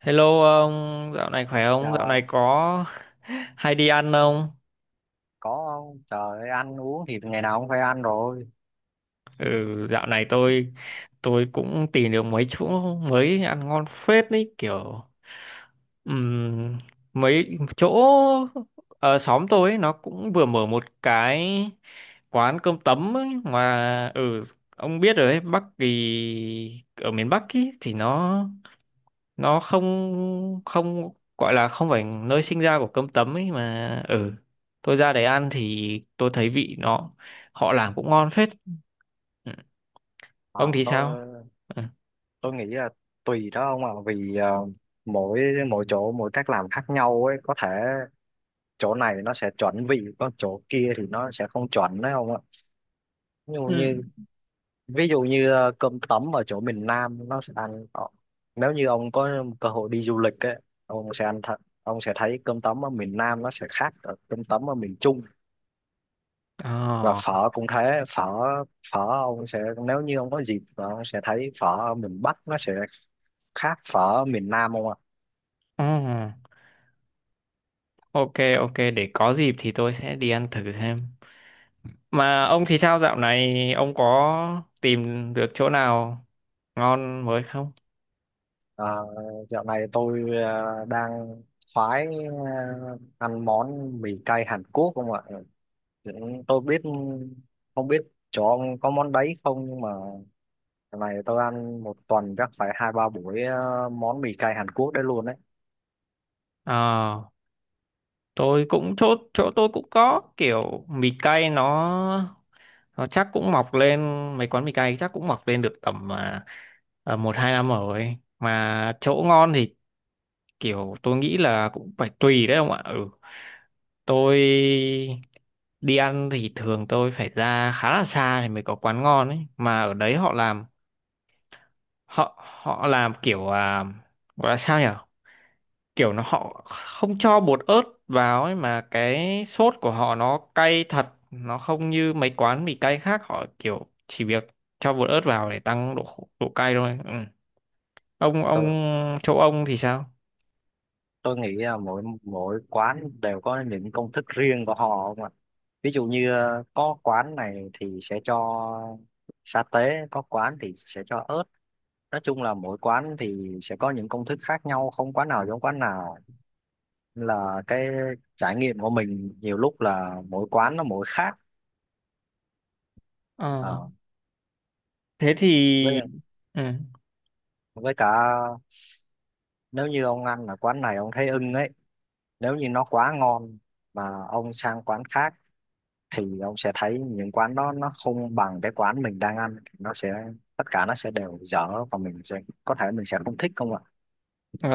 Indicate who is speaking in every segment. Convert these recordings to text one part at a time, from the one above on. Speaker 1: Hello ông, dạo này khỏe không?
Speaker 2: Chào
Speaker 1: Dạo này
Speaker 2: ông,
Speaker 1: có hay đi ăn không?
Speaker 2: có không? Trời ơi, ăn uống thì ngày nào cũng phải ăn rồi.
Speaker 1: Ừ, dạo này tôi cũng tìm được mấy chỗ mới ăn ngon phết đấy, kiểu ừm, mấy chỗ ở xóm tôi ấy, nó cũng vừa mở một cái quán cơm tấm ấy. Mà ông biết rồi đấy. Bắc thì Ở miền Bắc ý, thì nó không không gọi là không phải nơi sinh ra của cơm tấm ấy. Mà tôi ra đấy ăn thì tôi thấy vị nó, họ làm cũng ngon phết. Ừ.
Speaker 2: À,
Speaker 1: Ông thì sao?
Speaker 2: tôi
Speaker 1: Ừ.
Speaker 2: tôi nghĩ là tùy đó ông ạ, vì mỗi mỗi chỗ mỗi cách làm khác nhau ấy, có thể chỗ này nó sẽ chuẩn vị, còn chỗ kia thì nó sẽ không chuẩn đấy, không ạ? ví dụ
Speaker 1: Ừ.
Speaker 2: như ví dụ như ờ, cơm tấm ở chỗ miền Nam nó sẽ ăn nếu như ông có cơ hội đi du lịch ấy, ông sẽ ăn thật, ông sẽ thấy cơm tấm ở miền Nam nó sẽ khác ở cơm tấm ở miền Trung. Và
Speaker 1: Ờ,
Speaker 2: phở cũng thế, phở phở ông sẽ, nếu như ông có dịp và ông sẽ thấy phở ở miền Bắc nó sẽ khác phở ở miền Nam, không ạ?
Speaker 1: ừ. Ok, ok, để có dịp thì tôi sẽ đi ăn thử xem. Mà ông thì sao, dạo này ông có tìm được chỗ nào ngon mới không?
Speaker 2: À, dạo này tôi đang khoái, ăn món mì cay Hàn Quốc, không ạ? Dạ, tôi biết không biết chỗ ông có món đấy không, nhưng mà lần này tôi ăn một tuần chắc phải hai ba buổi món mì cay Hàn Quốc đấy luôn đấy.
Speaker 1: Ờ, tôi cũng chỗ chỗ tôi cũng có kiểu mì cay. Nó chắc cũng mọc lên, mấy quán mì cay chắc cũng mọc lên được tầm 1-2 năm rồi. Mà chỗ ngon thì kiểu tôi nghĩ là cũng phải tùy đấy, ông ạ. Ừ tôi đi ăn thì thường tôi phải ra khá là xa thì mới có quán ngon ấy. Mà ở đấy họ họ làm kiểu gọi là sao nhỉ, kiểu nó họ không cho bột ớt vào ấy, mà cái sốt của họ nó cay thật. Nó không như mấy quán mì cay khác, họ kiểu chỉ việc cho bột ớt vào để tăng độ cay thôi. Ừ. ông
Speaker 2: tôi
Speaker 1: Châu, ông thì sao?
Speaker 2: tôi nghĩ là mỗi mỗi quán đều có những công thức riêng của họ, không ạ? Ví dụ như có quán này thì sẽ cho sa tế, có quán thì sẽ cho ớt. Nói chung là mỗi quán thì sẽ có những công thức khác nhau, không quán nào giống quán nào. Nên là cái trải nghiệm của mình nhiều lúc là mỗi quán nó mỗi khác.
Speaker 1: Ờ,
Speaker 2: Ờ,
Speaker 1: thế thì
Speaker 2: với
Speaker 1: ừ.
Speaker 2: với cả nếu như ông ăn ở quán này ông thấy ưng ấy, nếu như nó quá ngon mà ông sang quán khác thì ông sẽ thấy những quán đó nó không bằng cái quán mình đang ăn, nó sẽ, tất cả nó sẽ đều dở và mình sẽ, có thể mình sẽ không thích, không ạ?
Speaker 1: ờ,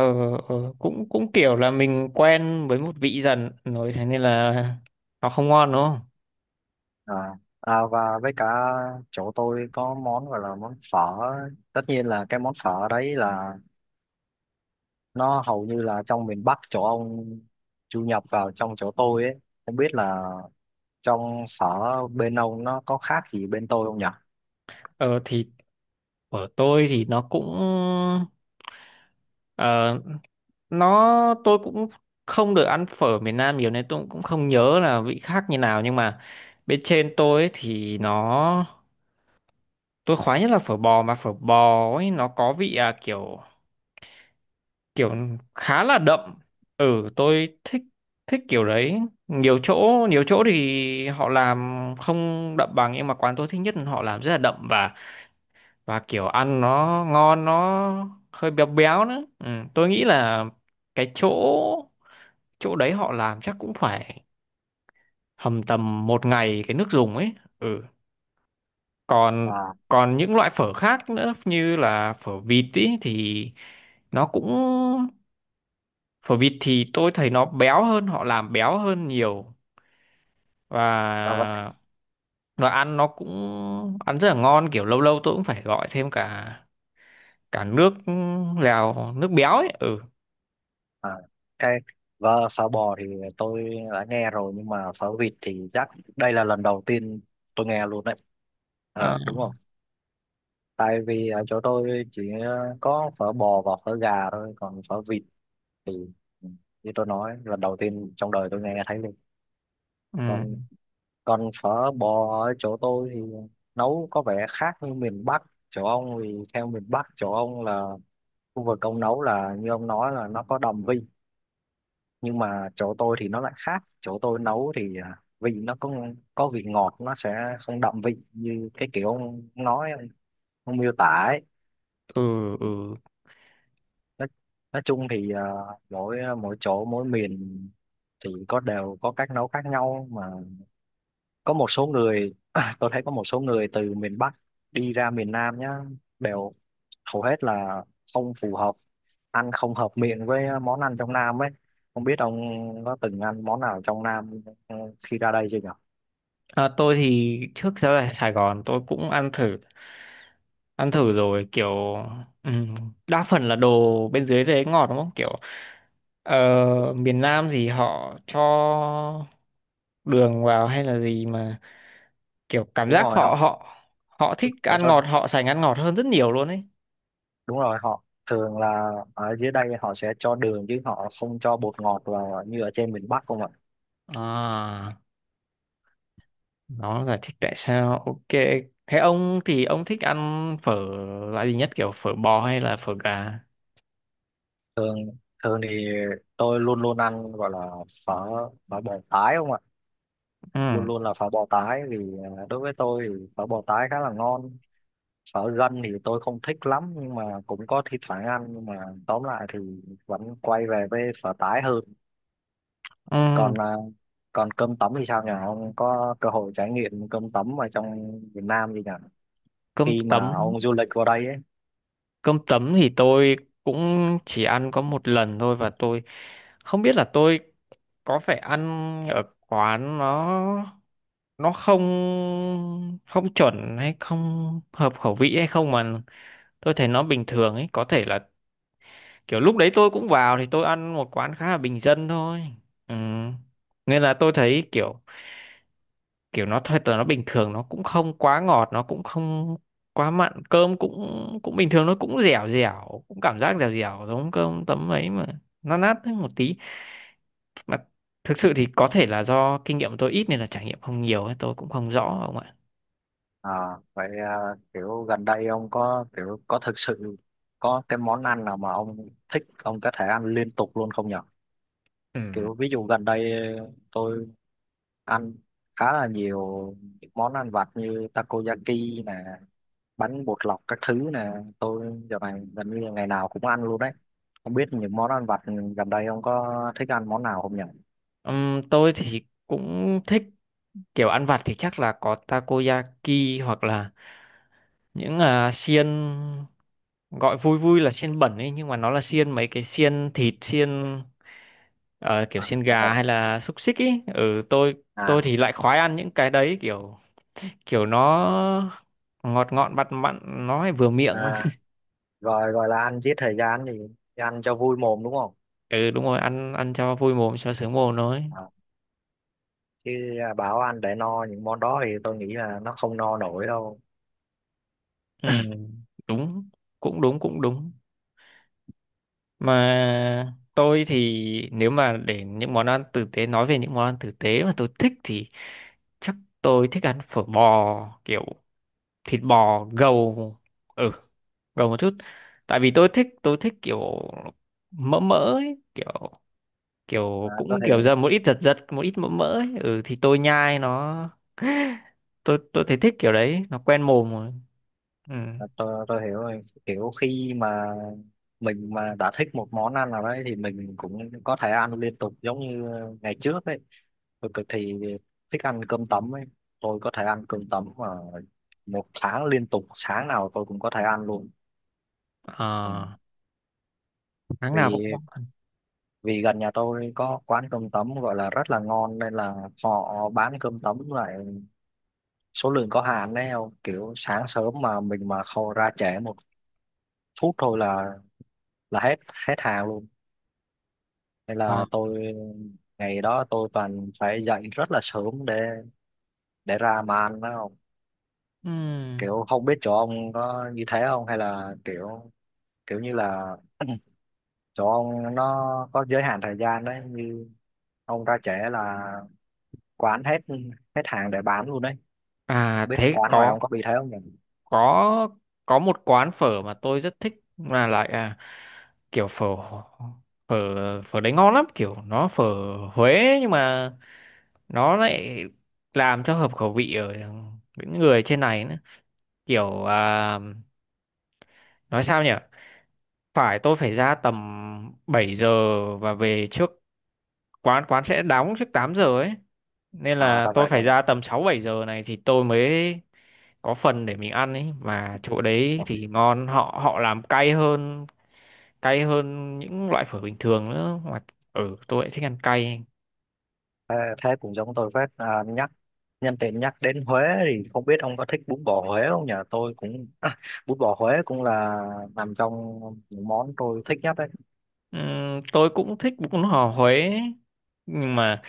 Speaker 1: cũng cũng kiểu là mình quen với một vị dần rồi, thế nên là nó không ngon đúng không?
Speaker 2: à, và với cả chỗ tôi có món gọi là món phở. Tất nhiên là cái món phở đấy là nó hầu như là trong miền Bắc chỗ ông du nhập vào trong chỗ tôi ấy. Không biết là trong sở bên ông nó có khác gì bên tôi không nhỉ?
Speaker 1: Ờ thì của tôi thì nó cũng ờ, tôi cũng không được ăn phở miền Nam nhiều nên tôi cũng không nhớ là vị khác như nào. Nhưng mà bên trên tôi ấy thì tôi khoái nhất là phở bò. Mà phở bò ấy nó có vị kiểu kiểu khá là đậm. Tôi thích thích kiểu đấy. Nhiều chỗ, nhiều chỗ thì họ làm không đậm bằng, nhưng mà quán tôi thích nhất là họ làm rất là đậm, và kiểu ăn nó ngon, nó hơi béo béo nữa. Ừ. Tôi nghĩ là cái chỗ chỗ đấy họ làm chắc cũng phải hầm tầm một ngày cái nước dùng ấy. ừ còn
Speaker 2: À,
Speaker 1: còn những loại phở khác nữa, như là phở vịt ý, thì nó cũng phở vịt thì tôi thấy nó béo hơn, họ làm béo hơn nhiều.
Speaker 2: ra vậy.
Speaker 1: Và nó cũng ăn rất là ngon, kiểu lâu lâu tôi cũng phải gọi thêm cả cả nước lèo nước béo ấy. Ừ.
Speaker 2: À cái Và phở bò thì tôi đã nghe rồi, nhưng mà phở vịt thì chắc đây là lần đầu tiên tôi nghe luôn đấy,
Speaker 1: À.
Speaker 2: ờ, đúng không? Tại vì ở chỗ tôi chỉ có phở bò và phở gà thôi, còn phở vịt thì, ừ, như tôi nói lần đầu tiên trong đời tôi nghe thấy luôn.
Speaker 1: Ừ,
Speaker 2: Còn còn phở bò ở chỗ tôi thì nấu có vẻ khác như miền Bắc chỗ ông, vì theo miền Bắc chỗ ông là khu vực ông nấu là như ông nói là nó có đồng vị, nhưng mà chỗ tôi thì nó lại khác, chỗ tôi nấu thì vị nó có vị ngọt, nó sẽ không đậm vị như cái kiểu ông nói, ông miêu tả ấy.
Speaker 1: ừ, ừ.
Speaker 2: Nói, nói chung thì mỗi mỗi chỗ mỗi miền thì có đều có cách nấu khác nhau, mà có một số người tôi thấy có một số người từ miền Bắc đi ra miền Nam nhá đều hầu hết là không phù hợp, ăn không hợp miệng với món ăn trong Nam ấy. Không biết ông có từng ăn món nào trong Nam, ừ, khi ra đây chưa nhỉ?
Speaker 1: À, tôi thì trước giờ ở Sài Gòn tôi cũng ăn thử rồi. Kiểu ừ, đa phần là đồ bên dưới đấy ngọt đúng không? Kiểu ờ, miền Nam thì họ cho đường vào hay là gì mà, kiểu cảm
Speaker 2: Đúng
Speaker 1: giác
Speaker 2: rồi,
Speaker 1: họ
Speaker 2: họ
Speaker 1: họ họ thích
Speaker 2: họ
Speaker 1: ăn
Speaker 2: cho
Speaker 1: ngọt, họ sành ăn ngọt hơn rất nhiều luôn ấy.
Speaker 2: đúng rồi, họ thường là ở dưới đây họ sẽ cho đường chứ họ không cho bột ngọt vào như ở trên miền Bắc, không ạ?
Speaker 1: À, nó giải thích tại sao. Ok, thế ông thích ăn phở loại gì nhất, kiểu phở bò hay là phở gà?
Speaker 2: Thường thường thì tôi luôn luôn ăn gọi là phở phở bò tái, không ạ?
Speaker 1: Ừ,
Speaker 2: Luôn luôn là phở bò tái, vì đối với tôi thì phở bò tái khá là ngon. Phở gân thì tôi không thích lắm, nhưng mà cũng có thi thoảng ăn, nhưng mà tóm lại thì vẫn quay về với phở tái hơn.
Speaker 1: ừ.
Speaker 2: Còn còn cơm tấm thì sao nhỉ? Ông có cơ hội trải nghiệm cơm tấm ở trong Việt Nam gì nhỉ,
Speaker 1: cơm
Speaker 2: khi mà
Speaker 1: tấm
Speaker 2: ông du lịch qua đây ấy?
Speaker 1: Cơm tấm thì tôi cũng chỉ ăn có một lần thôi và tôi không biết là tôi có phải ăn ở quán nó không không chuẩn hay không hợp khẩu vị hay không mà, tôi thấy nó bình thường ấy. Có thể là kiểu lúc đấy tôi cũng vào thì tôi ăn một quán khá là bình dân thôi. Ừ. Nên là tôi thấy kiểu kiểu nó thật là nó bình thường, nó cũng không quá ngọt, nó cũng không quá mặn, cơm cũng cũng bình thường, nó cũng dẻo dẻo, cũng cảm giác dẻo dẻo giống cơm tấm ấy mà nó nát hơn một tí. Mà thực sự thì có thể là do kinh nghiệm tôi ít nên là trải nghiệm không nhiều ấy, tôi cũng không rõ ông ạ.
Speaker 2: À, vậy à, kiểu gần đây ông có kiểu có thực sự có cái món ăn nào mà ông thích ông có thể ăn liên tục luôn không nhỉ?
Speaker 1: Ừ.
Speaker 2: Kiểu ví dụ gần đây tôi ăn khá là nhiều những món ăn vặt như takoyaki nè, bánh bột lọc các thứ nè, tôi giờ này gần như là ngày nào cũng ăn luôn đấy. Không biết những món ăn vặt gần đây ông có thích ăn món nào không nhỉ?
Speaker 1: Tôi thì cũng thích kiểu ăn vặt thì chắc là có takoyaki, hoặc là những xiên, gọi vui vui là xiên bẩn ấy, nhưng mà nó là xiên mấy cái xiên thịt, xiên. Ờ, kiểu
Speaker 2: À,
Speaker 1: xiên
Speaker 2: rồi.
Speaker 1: gà hay là xúc xích ý. Ừ, tôi
Speaker 2: à,
Speaker 1: tôi thì lại khoái ăn những cái đấy, kiểu kiểu nó ngọt ngọt mặn mặn, nó lại vừa miệng.
Speaker 2: à gọi gọi là ăn giết thời gian thì ăn cho vui mồm, đúng không?
Speaker 1: Ừ, đúng rồi, ăn ăn cho vui mồm, cho sướng mồm thôi.
Speaker 2: À, chứ bảo ăn để no những món đó thì tôi nghĩ là nó không no nổi đâu.
Speaker 1: Ừ, đúng, cũng đúng, cũng đúng. Mà tôi thì, nếu mà để những món ăn tử tế nói về những món ăn tử tế mà tôi thích thì chắc tôi thích ăn phở bò, kiểu thịt bò gầu. ừ Gầu một chút, tại vì tôi thích kiểu mỡ mỡ ấy, kiểu
Speaker 2: À,
Speaker 1: kiểu
Speaker 2: có
Speaker 1: cũng
Speaker 2: thể.
Speaker 1: kiểu dầm một ít, giật giật một ít mỡ mỡ ấy. Ừ thì tôi nhai nó tôi thấy thích kiểu đấy, nó quen mồm rồi. Ừ.
Speaker 2: À, tôi hiểu rồi, kiểu khi mà mình mà đã thích một món ăn nào đấy thì mình cũng có thể ăn liên tục, giống như ngày trước ấy, tôi cực thì thích ăn cơm tấm ấy. Tôi có thể ăn cơm tấm mà một tháng liên tục, sáng nào tôi cũng có thể ăn luôn. Ừ.
Speaker 1: À, tháng nào cũng
Speaker 2: vì
Speaker 1: có ăn.
Speaker 2: vì gần nhà tôi có quán cơm tấm gọi là rất là ngon, nên là họ bán cơm tấm lại số lượng có hạn đấy, không kiểu sáng sớm mà mình mà không ra trễ một phút thôi là hết hết hàng luôn. Nên
Speaker 1: Ờ,
Speaker 2: là tôi, ngày đó tôi toàn phải dậy rất là sớm để ra mà ăn đó, không
Speaker 1: ừm.
Speaker 2: kiểu không biết chỗ ông có như thế không, hay là kiểu kiểu như là chỗ ông nó có giới hạn thời gian đấy, như ông ra trễ là quán hết hết hàng để bán luôn đấy.
Speaker 1: À,
Speaker 2: Biết
Speaker 1: thế
Speaker 2: quán ngoài
Speaker 1: có,
Speaker 2: ông có bị thế không nhỉ?
Speaker 1: có có một quán phở mà tôi rất thích. Là lại kiểu phở phở phở đấy ngon lắm, kiểu nó phở Huế, nhưng mà nó lại làm cho hợp khẩu vị ở những người trên này nữa. Kiểu nói sao nhỉ, tôi phải ra tầm 7 giờ và về trước, quán quán sẽ đóng trước 8 giờ ấy. Nên
Speaker 2: À,
Speaker 1: là
Speaker 2: ra
Speaker 1: tôi
Speaker 2: vậy, ra
Speaker 1: phải
Speaker 2: vậy.
Speaker 1: ra tầm 6-7 giờ này thì tôi mới có phần để mình ăn ấy. Mà chỗ đấy
Speaker 2: Ủa,
Speaker 1: thì ngon, họ họ làm cay hơn, cay hơn những loại phở bình thường nữa mà. Ừ, tôi lại thích ăn cay.
Speaker 2: thế, thế cũng giống tôi phết. À, nhắc Nhân tiện nhắc đến Huế thì không biết ông có thích bún bò Huế không nhỉ? Tôi cũng bún bò Huế cũng là nằm trong những món tôi thích nhất đấy.
Speaker 1: Tôi cũng thích bún bò Huế ấy. Nhưng mà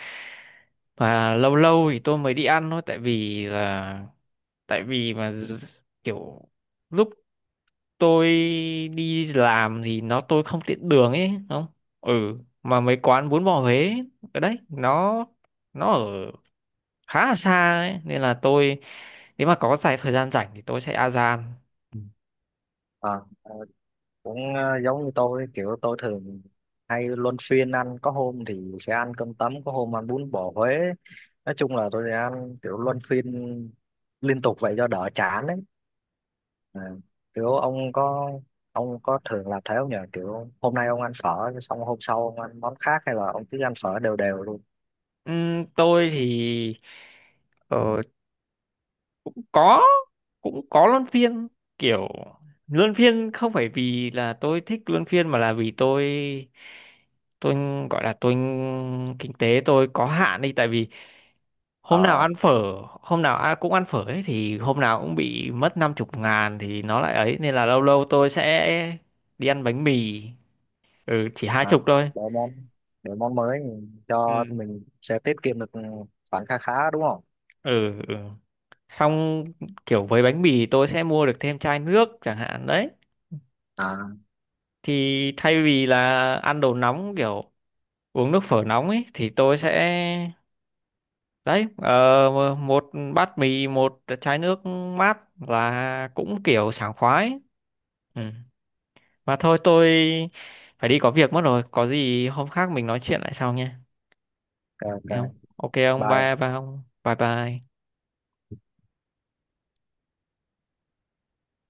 Speaker 1: Và lâu lâu thì tôi mới đi ăn thôi, tại vì là tại vì mà d- kiểu lúc tôi đi làm thì tôi không tiện đường ấy không. ừ mà mấy quán bún bò Huế ở đấy nó ở khá là xa ấy, nên là tôi nếu mà có dài thời gian rảnh thì tôi sẽ a gian.
Speaker 2: À, ờ, cũng ờ, giống như tôi, kiểu tôi thường hay luân phiên ăn, có hôm thì sẽ ăn cơm tấm, có hôm ăn bún bò Huế. Nói chung là tôi sẽ ăn kiểu luân phiên liên tục vậy cho đỡ chán đấy. À, kiểu ông có thường làm thế không nhỉ? Kiểu hôm nay ông ăn phở xong hôm sau ông ăn món khác, hay là ông cứ ăn phở đều đều luôn?
Speaker 1: Tôi thì ờ, có cũng có luân phiên. Kiểu luân phiên không phải vì là tôi thích luân phiên mà là vì tôi gọi là tôi kinh tế tôi có hạn đi. Tại vì hôm nào
Speaker 2: Ờ,
Speaker 1: ăn phở hôm nào ăn cũng ăn phở ấy thì hôm nào cũng bị mất 50.000 thì nó lại ấy. Nên là lâu lâu tôi sẽ đi ăn bánh mì, chỉ hai
Speaker 2: à,
Speaker 1: chục thôi.
Speaker 2: đổi món đổi món mới cho
Speaker 1: Ừ.
Speaker 2: mình sẽ tiết kiệm được khoản kha khá, đúng không?
Speaker 1: Ừ, ừ. Xong kiểu với bánh mì tôi sẽ mua được thêm chai nước chẳng hạn đấy.
Speaker 2: À,
Speaker 1: Thì thay vì là ăn đồ nóng, kiểu uống nước phở nóng ấy, thì tôi sẽ đấy, một bát mì một chai nước mát là cũng kiểu sảng khoái. Ừ. Mà thôi tôi phải đi có việc mất rồi, có gì hôm khác mình nói chuyện lại sau nha.
Speaker 2: ok, ok,
Speaker 1: Nghe không? Ok ông,
Speaker 2: bye.
Speaker 1: bye bye. Ông, bye bye.